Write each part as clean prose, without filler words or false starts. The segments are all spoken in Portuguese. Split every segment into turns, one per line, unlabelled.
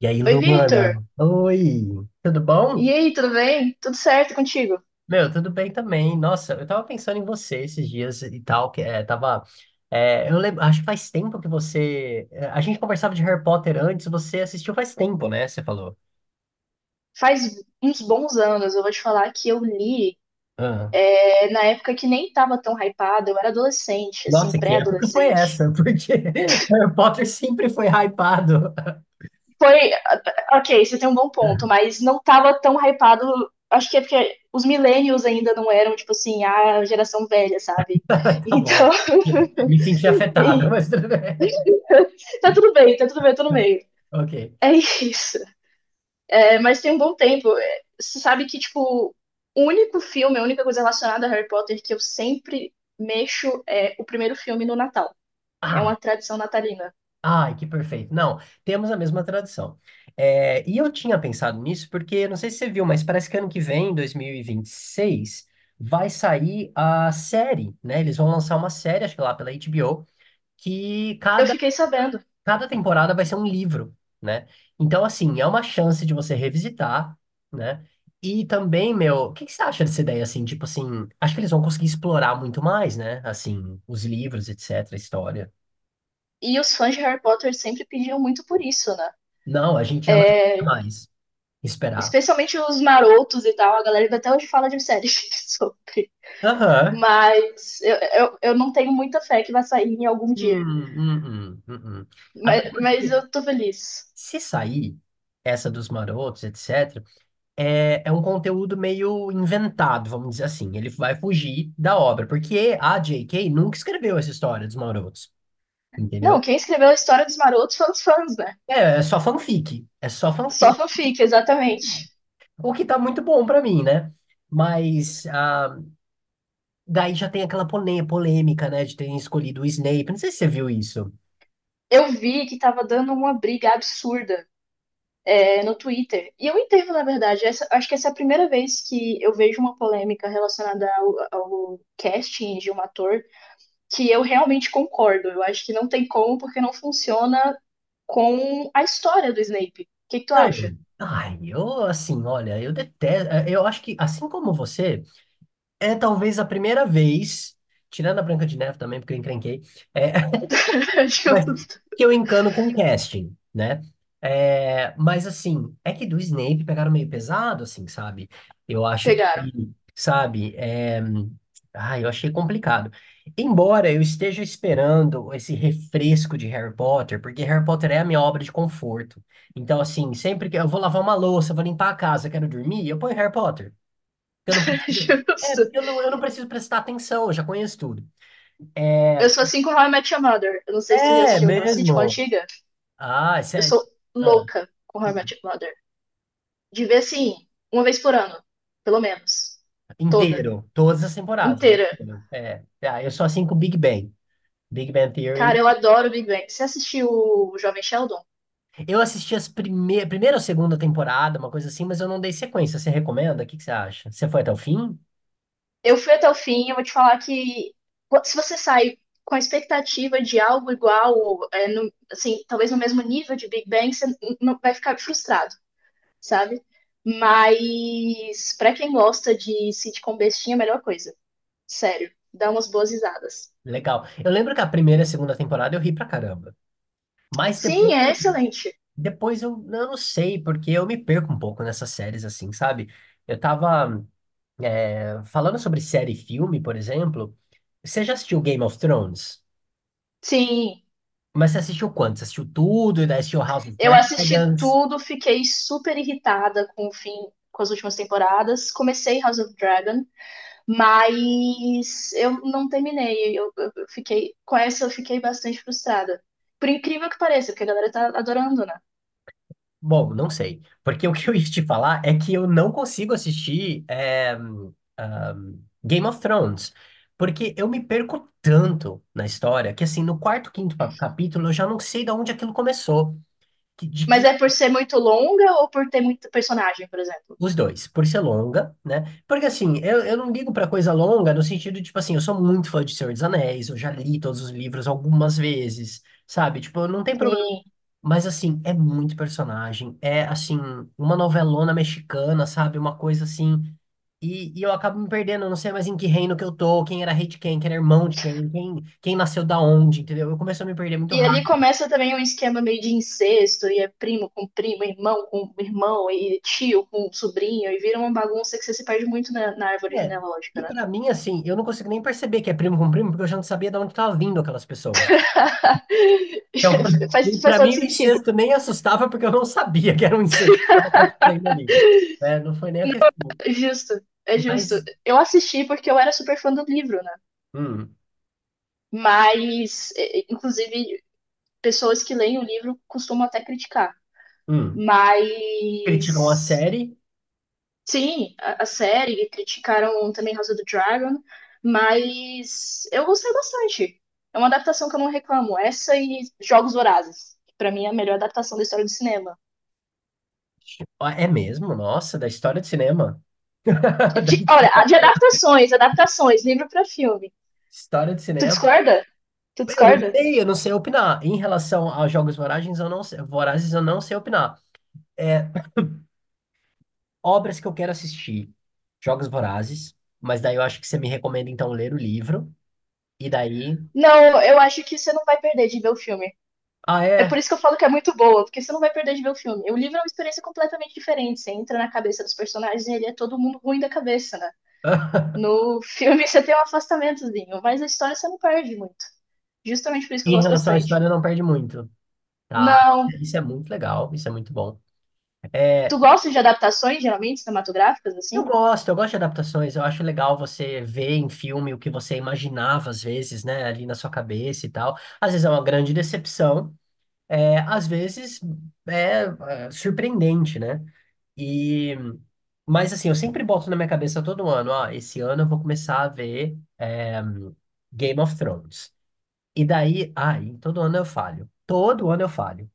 E aí,
Oi, Victor.
Luana? Oi, tudo
E
bom?
aí, tudo bem? Tudo certo contigo?
Meu, tudo bem também. Nossa, eu tava pensando em você esses dias e tal, que é, tava. Eu lembro, acho que faz tempo que você. A gente conversava de Harry Potter antes, você assistiu faz tempo, né? Você falou.
Faz uns bons anos, eu vou te falar que eu li,
Ah.
na época que nem tava tão hypado, eu era adolescente, assim,
Nossa, que época foi
pré-adolescente.
essa? Porque Harry Potter sempre foi hypado.
Foi, ok, você tem um bom ponto, mas não tava tão hypado, acho que é porque os millennials ainda não eram, tipo assim, a geração velha, sabe?
Tá bom.
Então,
Me senti afetado,
e-
mas tudo bem.
tá tudo bem, eu tô no meio.
Ok.
É isso. É, mas tem um bom tempo. É, Você sabe que, tipo, o único filme, a única coisa relacionada a Harry Potter que eu sempre mexo é o primeiro filme no Natal. É
Ah,
uma tradição natalina.
ai, que perfeito. Não, temos a mesma tradição. É, e eu tinha pensado nisso porque, não sei se você viu, mas parece que ano que vem, 2026, vai sair a série, né? Eles vão lançar uma série, acho que lá pela HBO, que
Eu
cada,
fiquei sabendo.
cada temporada vai ser um livro, né? Então, assim, é uma chance de você revisitar, né? E também, meu, o que que você acha dessa ideia, assim? Tipo assim, acho que eles vão conseguir explorar muito mais, né? Assim, os livros, etc., a história.
E os fãs de Harry Potter sempre pediam muito por isso, né?
Não, a gente já não mais. Esperar.
Especialmente os marotos e tal. A galera até hoje fala de série sobre.
Aham.
Mas eu não tenho muita fé que vai sair em algum
Hum,
dia.
hum, hum, hum, hum. Até
Mas
porque,
eu tô feliz.
se sair essa dos marotos, etc., é um conteúdo meio inventado, vamos dizer assim. Ele vai fugir da obra, porque a J.K. nunca escreveu essa história dos marotos,
Não,
entendeu?
quem escreveu a história dos marotos foram os fãs, né?
É só fanfic. É só
Só
fanfic.
fanfic, exatamente.
O que tá muito bom pra mim, né? Mas daí já tem aquela polêmica, né, de terem escolhido o Snape. Não sei se você viu isso.
Eu vi que tava dando uma briga absurda no Twitter. E eu entendo, na verdade. Acho que essa é a primeira vez que eu vejo uma polêmica relacionada ao casting de um ator que eu realmente concordo. Eu acho que não tem como, porque não funciona com a história do Snape. O que tu acha?
Não, ai, eu assim, olha, eu detesto. Eu acho que, assim como você, é talvez a primeira vez, tirando a Branca de Neve também, porque eu encrenquei, é mas
Justo.
que eu encano com o casting, né? É, mas assim, é que do Snape pegaram meio pesado, assim, sabe? Eu acho que,
Pegaram.
sabe, eu achei complicado. Embora eu esteja esperando esse refresco de Harry Potter, porque Harry Potter é a minha obra de conforto. Então, assim, sempre que eu vou lavar uma louça, vou limpar a casa, quero dormir, eu ponho Harry Potter. Eu não preciso... É,
Justo.
eu não preciso prestar atenção, eu já conheço tudo.
Eu
É,
sou assim com How I Met Your Mother. Eu não sei se tu já
é
assistiu aquela sitcom
mesmo.
antiga.
Ah, é
Eu
sério?
sou
Ah,
louca com How I
hum.
Met Your Mother. De ver assim, uma vez por ano, pelo menos. Toda,
Inteiro. Todas as temporadas. É
inteira.
inteiro. É. Ah, eu sou assim com Big Bang. Big Bang
Cara,
Theory.
eu adoro Big Bang. Você assistiu o Jovem Sheldon?
Eu assisti as primeira ou segunda temporada, uma coisa assim, mas eu não dei sequência. Você recomenda? O que que você acha? Você foi até o fim?
Eu fui até o fim, eu vou te falar que pô, se você sai com a expectativa de algo igual, assim, talvez no mesmo nível de Big Bang, você não vai ficar frustrado, sabe? Mas pra quem gosta de sitcom bestinha, é a melhor coisa. Sério, dá umas boas risadas.
Legal. Eu lembro que a primeira e a segunda temporada eu ri pra caramba. Mas depois,
Sim, é excelente.
depois eu não sei, porque eu me perco um pouco nessas séries, assim, sabe? Eu tava, falando sobre série e filme, por exemplo. Você já assistiu Game of Thrones?
Sim.
Mas você assistiu quanto? Você assistiu tudo e daí assistiu House of
Eu assisti
Dragons?
tudo, fiquei super irritada com o fim, com as últimas temporadas. Comecei House of Dragon, mas eu não terminei. Eu fiquei com essa, eu fiquei bastante frustrada. Por incrível que pareça, porque a galera tá adorando, né?
Bom, não sei. Porque o que eu ia te falar é que eu não consigo assistir ahm, Game of Thrones. Porque eu me perco tanto na história que, assim, no quarto, quinto capítulo eu já não sei de onde aquilo começou. Que- de
Mas
que-
é por ser muito longa ou por ter muito personagem, por exemplo?
os dois, por ser longa, né? Porque, assim, eu não ligo pra coisa longa no sentido, tipo assim, eu sou muito fã de Senhor dos Anéis, eu já li todos os livros algumas vezes, sabe? Tipo, não tem.
Sim.
Mas assim, é muito personagem. É assim, uma novelona mexicana, sabe? Uma coisa assim. E eu acabo me perdendo, eu não sei mais em que reino que eu tô, quem era rei de quem, quem era irmão de quem, quem nasceu da onde, entendeu? Eu começo a me perder muito
E ali
rápido.
começa também um esquema meio de incesto, e é primo com primo, irmão com irmão, e tio com sobrinho, e vira uma bagunça que você se perde muito na árvore
É,
genealógica,
e
né?
pra mim, assim, eu não consigo nem perceber que é primo com primo, porque eu já não sabia de onde tava vindo aquelas pessoas. Então,
Faz, faz
pra
todo
mim, o
sentido.
incesto nem assustava, porque eu não sabia que era um incesto que estava acontecendo ali. Né? Não foi nem a questão.
É justo, é justo.
Mas,
Eu assisti porque eu era super fã do livro, né?
hum,
Mas, é, inclusive, pessoas que leem o livro costumam até criticar.
hum, criticam a
Mas,
série.
sim, a série, criticaram também House of the Dragon, mas eu gostei bastante. É uma adaptação que eu não reclamo. Essa e Jogos Vorazes. Que pra mim é a melhor adaptação da história do cinema.
Ah, é mesmo? Nossa, da história de cinema.
Olha, a de adaptações, adaptações, livro pra filme.
História de
Tu
cinema.
discorda? Tu discorda?
Eu não sei opinar. Em relação a jogos vorazes, eu não sei, vorazes, eu não sei opinar. É, obras que eu quero assistir. Jogos Vorazes, mas daí eu acho que você me recomenda então ler o livro. E daí.
Não, eu acho que você não vai perder de ver o filme.
Ah,
É
é?
por isso que eu falo que é muito boa, porque você não vai perder de ver o filme. O livro é uma experiência completamente diferente. Você entra na cabeça dos personagens e ele é todo mundo ruim da cabeça, né? No filme você tem um afastamentozinho, mas a história você não perde muito. Justamente por isso que eu
Em
gosto
relação à
bastante.
história, não perde muito. Tá.
Não,
Isso é muito legal, isso é muito bom.
tu gosta de adaptações, geralmente, cinematográficas,
Eu
assim?
gosto, eu gosto de adaptações. Eu acho legal você ver em filme o que você imaginava, às vezes, né, ali na sua cabeça e tal. Às vezes é uma grande decepção, às vezes é, surpreendente, né? E, mas assim, eu sempre boto na minha cabeça todo ano, ah, esse ano eu vou começar a ver Game of Thrones. E daí, ai, todo ano eu falho. Todo ano eu falho.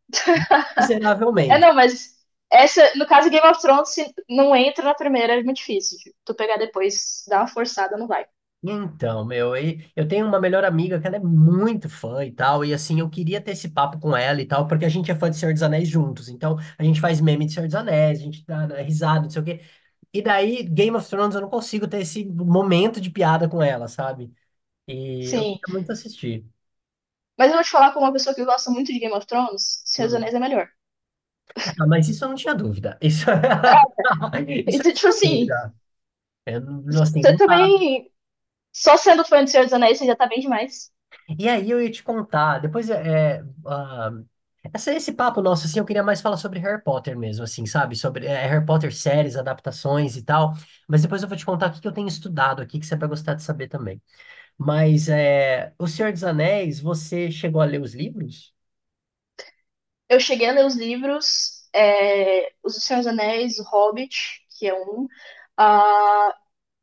É,
Miseravelmente.
não, mas essa, no caso Game of Thrones, se não entra na primeira, é muito difícil. Tipo, tu pegar depois, dá uma forçada, não vai.
Então, meu, eu tenho uma melhor amiga que ela é muito fã e tal, e assim, eu queria ter esse papo com ela e tal, porque a gente é fã de Senhor dos Anéis juntos, então a gente faz meme de Senhor dos Anéis, a gente dá, né, risada, não sei o quê, e daí Game of Thrones eu não consigo ter esse momento de piada com ela, sabe? E eu
Sim.
queria muito assistir.
Mas eu vou te falar como uma pessoa que gosta muito de Game of Thrones, Senhor dos
Hum.
Anéis é melhor.
Ah, mas isso eu não tinha dúvida, isso,
É,
isso eu
então, tipo
não tinha
assim,
dúvida, eu, não- assim,
você
não dá.
também. Só sendo fã de Senhor dos Anéis, você já tá bem demais.
E aí eu ia te contar, depois esse papo nosso, assim, eu queria mais falar sobre Harry Potter mesmo, assim, sabe? Sobre Harry Potter séries, adaptações e tal. Mas depois eu vou te contar o que que eu tenho estudado aqui, que você vai gostar de saber também. Mas, o Senhor dos Anéis, você chegou a ler os livros?
Eu cheguei a ler os livros, é, os do Senhor dos Anéis, o Hobbit, que é um. ah,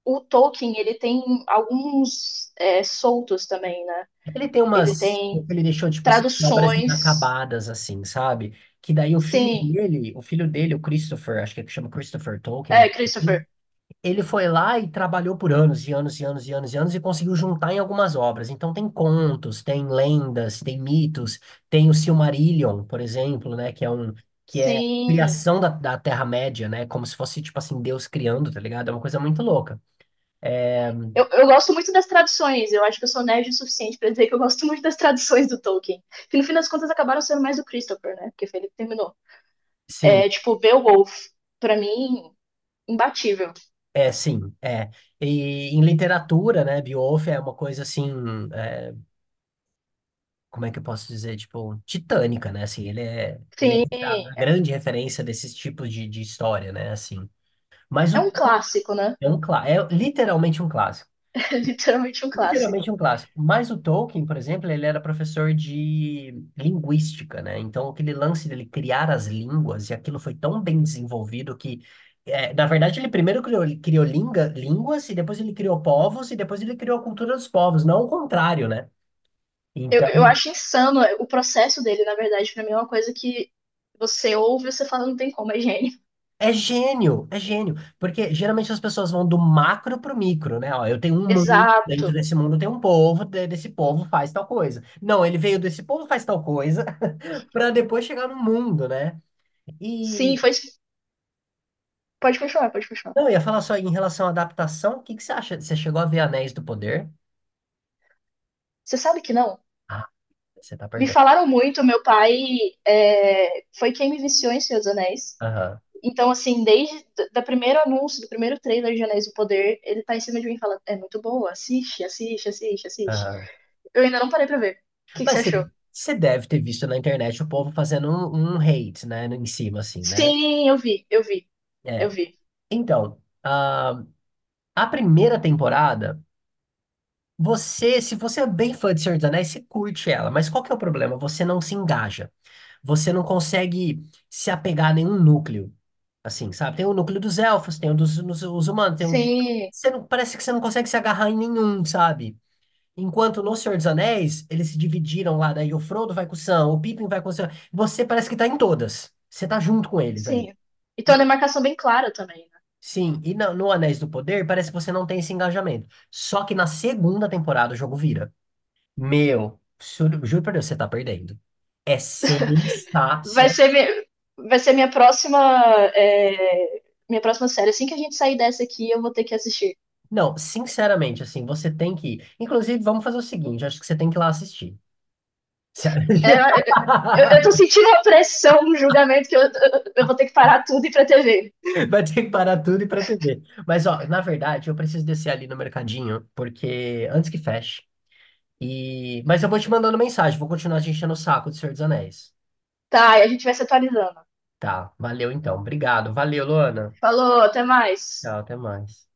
o Tolkien, ele tem alguns soltos também, né?
Ele tem
Ele
umas...
tem
Ele deixou, tipo assim, obras
traduções.
inacabadas, assim, sabe? Que daí o filho
Sim.
dele, o filho dele, o Christopher, acho que é que chama Christopher Tolkien, uma
É,
coisa assim.
Christopher.
Ele foi lá e trabalhou por anos e anos e anos e anos e anos e conseguiu juntar em algumas obras. Então tem contos, tem lendas, tem mitos, tem o Silmarillion, por exemplo, né, que é a
Sim.
criação da, da Terra-média, né, como se fosse tipo assim Deus criando, tá ligado? É uma coisa muito louca. É,
Eu gosto muito das traduções, eu acho que eu sou nerd o suficiente pra dizer que eu gosto muito das traduções do Tolkien. Que no fim das contas acabaram sendo mais do Christopher, né? Porque foi ele que terminou.
sim,
É tipo, Beowulf, pra mim, imbatível.
é sim, é. E em literatura, né, Beowulf é uma coisa assim, é, como é que eu posso dizer, tipo, titânica, né? Assim, ele é
Sim,
a grande referência desses tipos de história, né, assim. Mas o
é um clássico, né?
É um clá- É literalmente um clássico.
É literalmente um clássico.
Literalmente um clássico. Mas o Tolkien, por exemplo, ele era professor de linguística, né? Então, aquele lance dele criar as línguas, e aquilo foi tão bem desenvolvido que, na verdade, ele primeiro criou, criou línguas, e depois ele criou povos, e depois ele criou a cultura dos povos, não o contrário, né?
Eu,
Então,
eu acho insano o processo dele, na verdade, pra mim é uma coisa que você ouve e você fala, não tem como, é gênio.
é gênio, é gênio. Porque geralmente as pessoas vão do macro pro micro, né? Ó, eu tenho um mundo, dentro
Exato.
desse mundo tem um povo, desse povo faz tal coisa. Não, ele veio desse povo faz tal coisa, para depois chegar no mundo, né?
Sim,
E
foi. Pode continuar, pode continuar.
não, eu ia falar só em relação à adaptação, o que que você acha? Você chegou a ver Anéis do Poder?
Você sabe que não?
Ah, você tá
Me
perdendo.
falaram muito, meu pai foi quem me viciou em Senhor dos Anéis.
Aham,
Então, assim, desde o primeiro anúncio, do primeiro trailer de Anéis do Poder, ele tá em cima de mim e fala, é muito boa, assiste, assiste, assiste, assiste.
aham.
Eu ainda não parei pra ver. O que você
Mas você,
achou?
você deve ter visto na internet o povo fazendo um hate, né? Em cima, assim, né?
Sim, eu
É.
vi.
Então, a primeira temporada. Você, se você é bem fã de Senhor dos Anéis, você curte ela, mas qual que é o problema? Você não se engaja. Você não consegue se apegar a nenhum núcleo. Assim, sabe? Tem o núcleo dos elfos, tem o dos, os humanos, tem o...
Sim,
Você não, parece que você não consegue se agarrar em nenhum, sabe? Enquanto no Senhor dos Anéis, eles se dividiram lá, daí o Frodo vai com o Sam, o Pippin vai com o Sam. Você parece que tá em todas. Você tá junto com eles ali.
sim. E tem uma demarcação bem clara também, né?
Sim, e no Anéis do Poder parece que você não tem esse engajamento. Só que na segunda temporada o jogo vira. Meu, juro, juro pra Deus, você tá perdendo. É
Vai
sensacional.
ser, mi- vai ser minha próxima, é, minha próxima série. Assim que a gente sair dessa aqui, eu vou ter que assistir.
Não, sinceramente, assim, você tem que ir. Inclusive, vamos fazer o seguinte, acho que você tem que ir lá assistir. Sério.
É, eu tô sentindo a pressão no julgamento que eu vou ter que parar tudo e ir pra TV.
Vai ter que parar tudo e ir pra TV. Mas, ó, na verdade, eu preciso descer ali no mercadinho, porque antes que feche. E... Mas eu vou te mandando mensagem, vou continuar te enchendo o saco do Senhor dos Anéis.
Tá, e a gente vai se atualizando.
Tá, valeu então. Obrigado. Valeu, Luana.
Falou, até mais.
Tchau, até mais.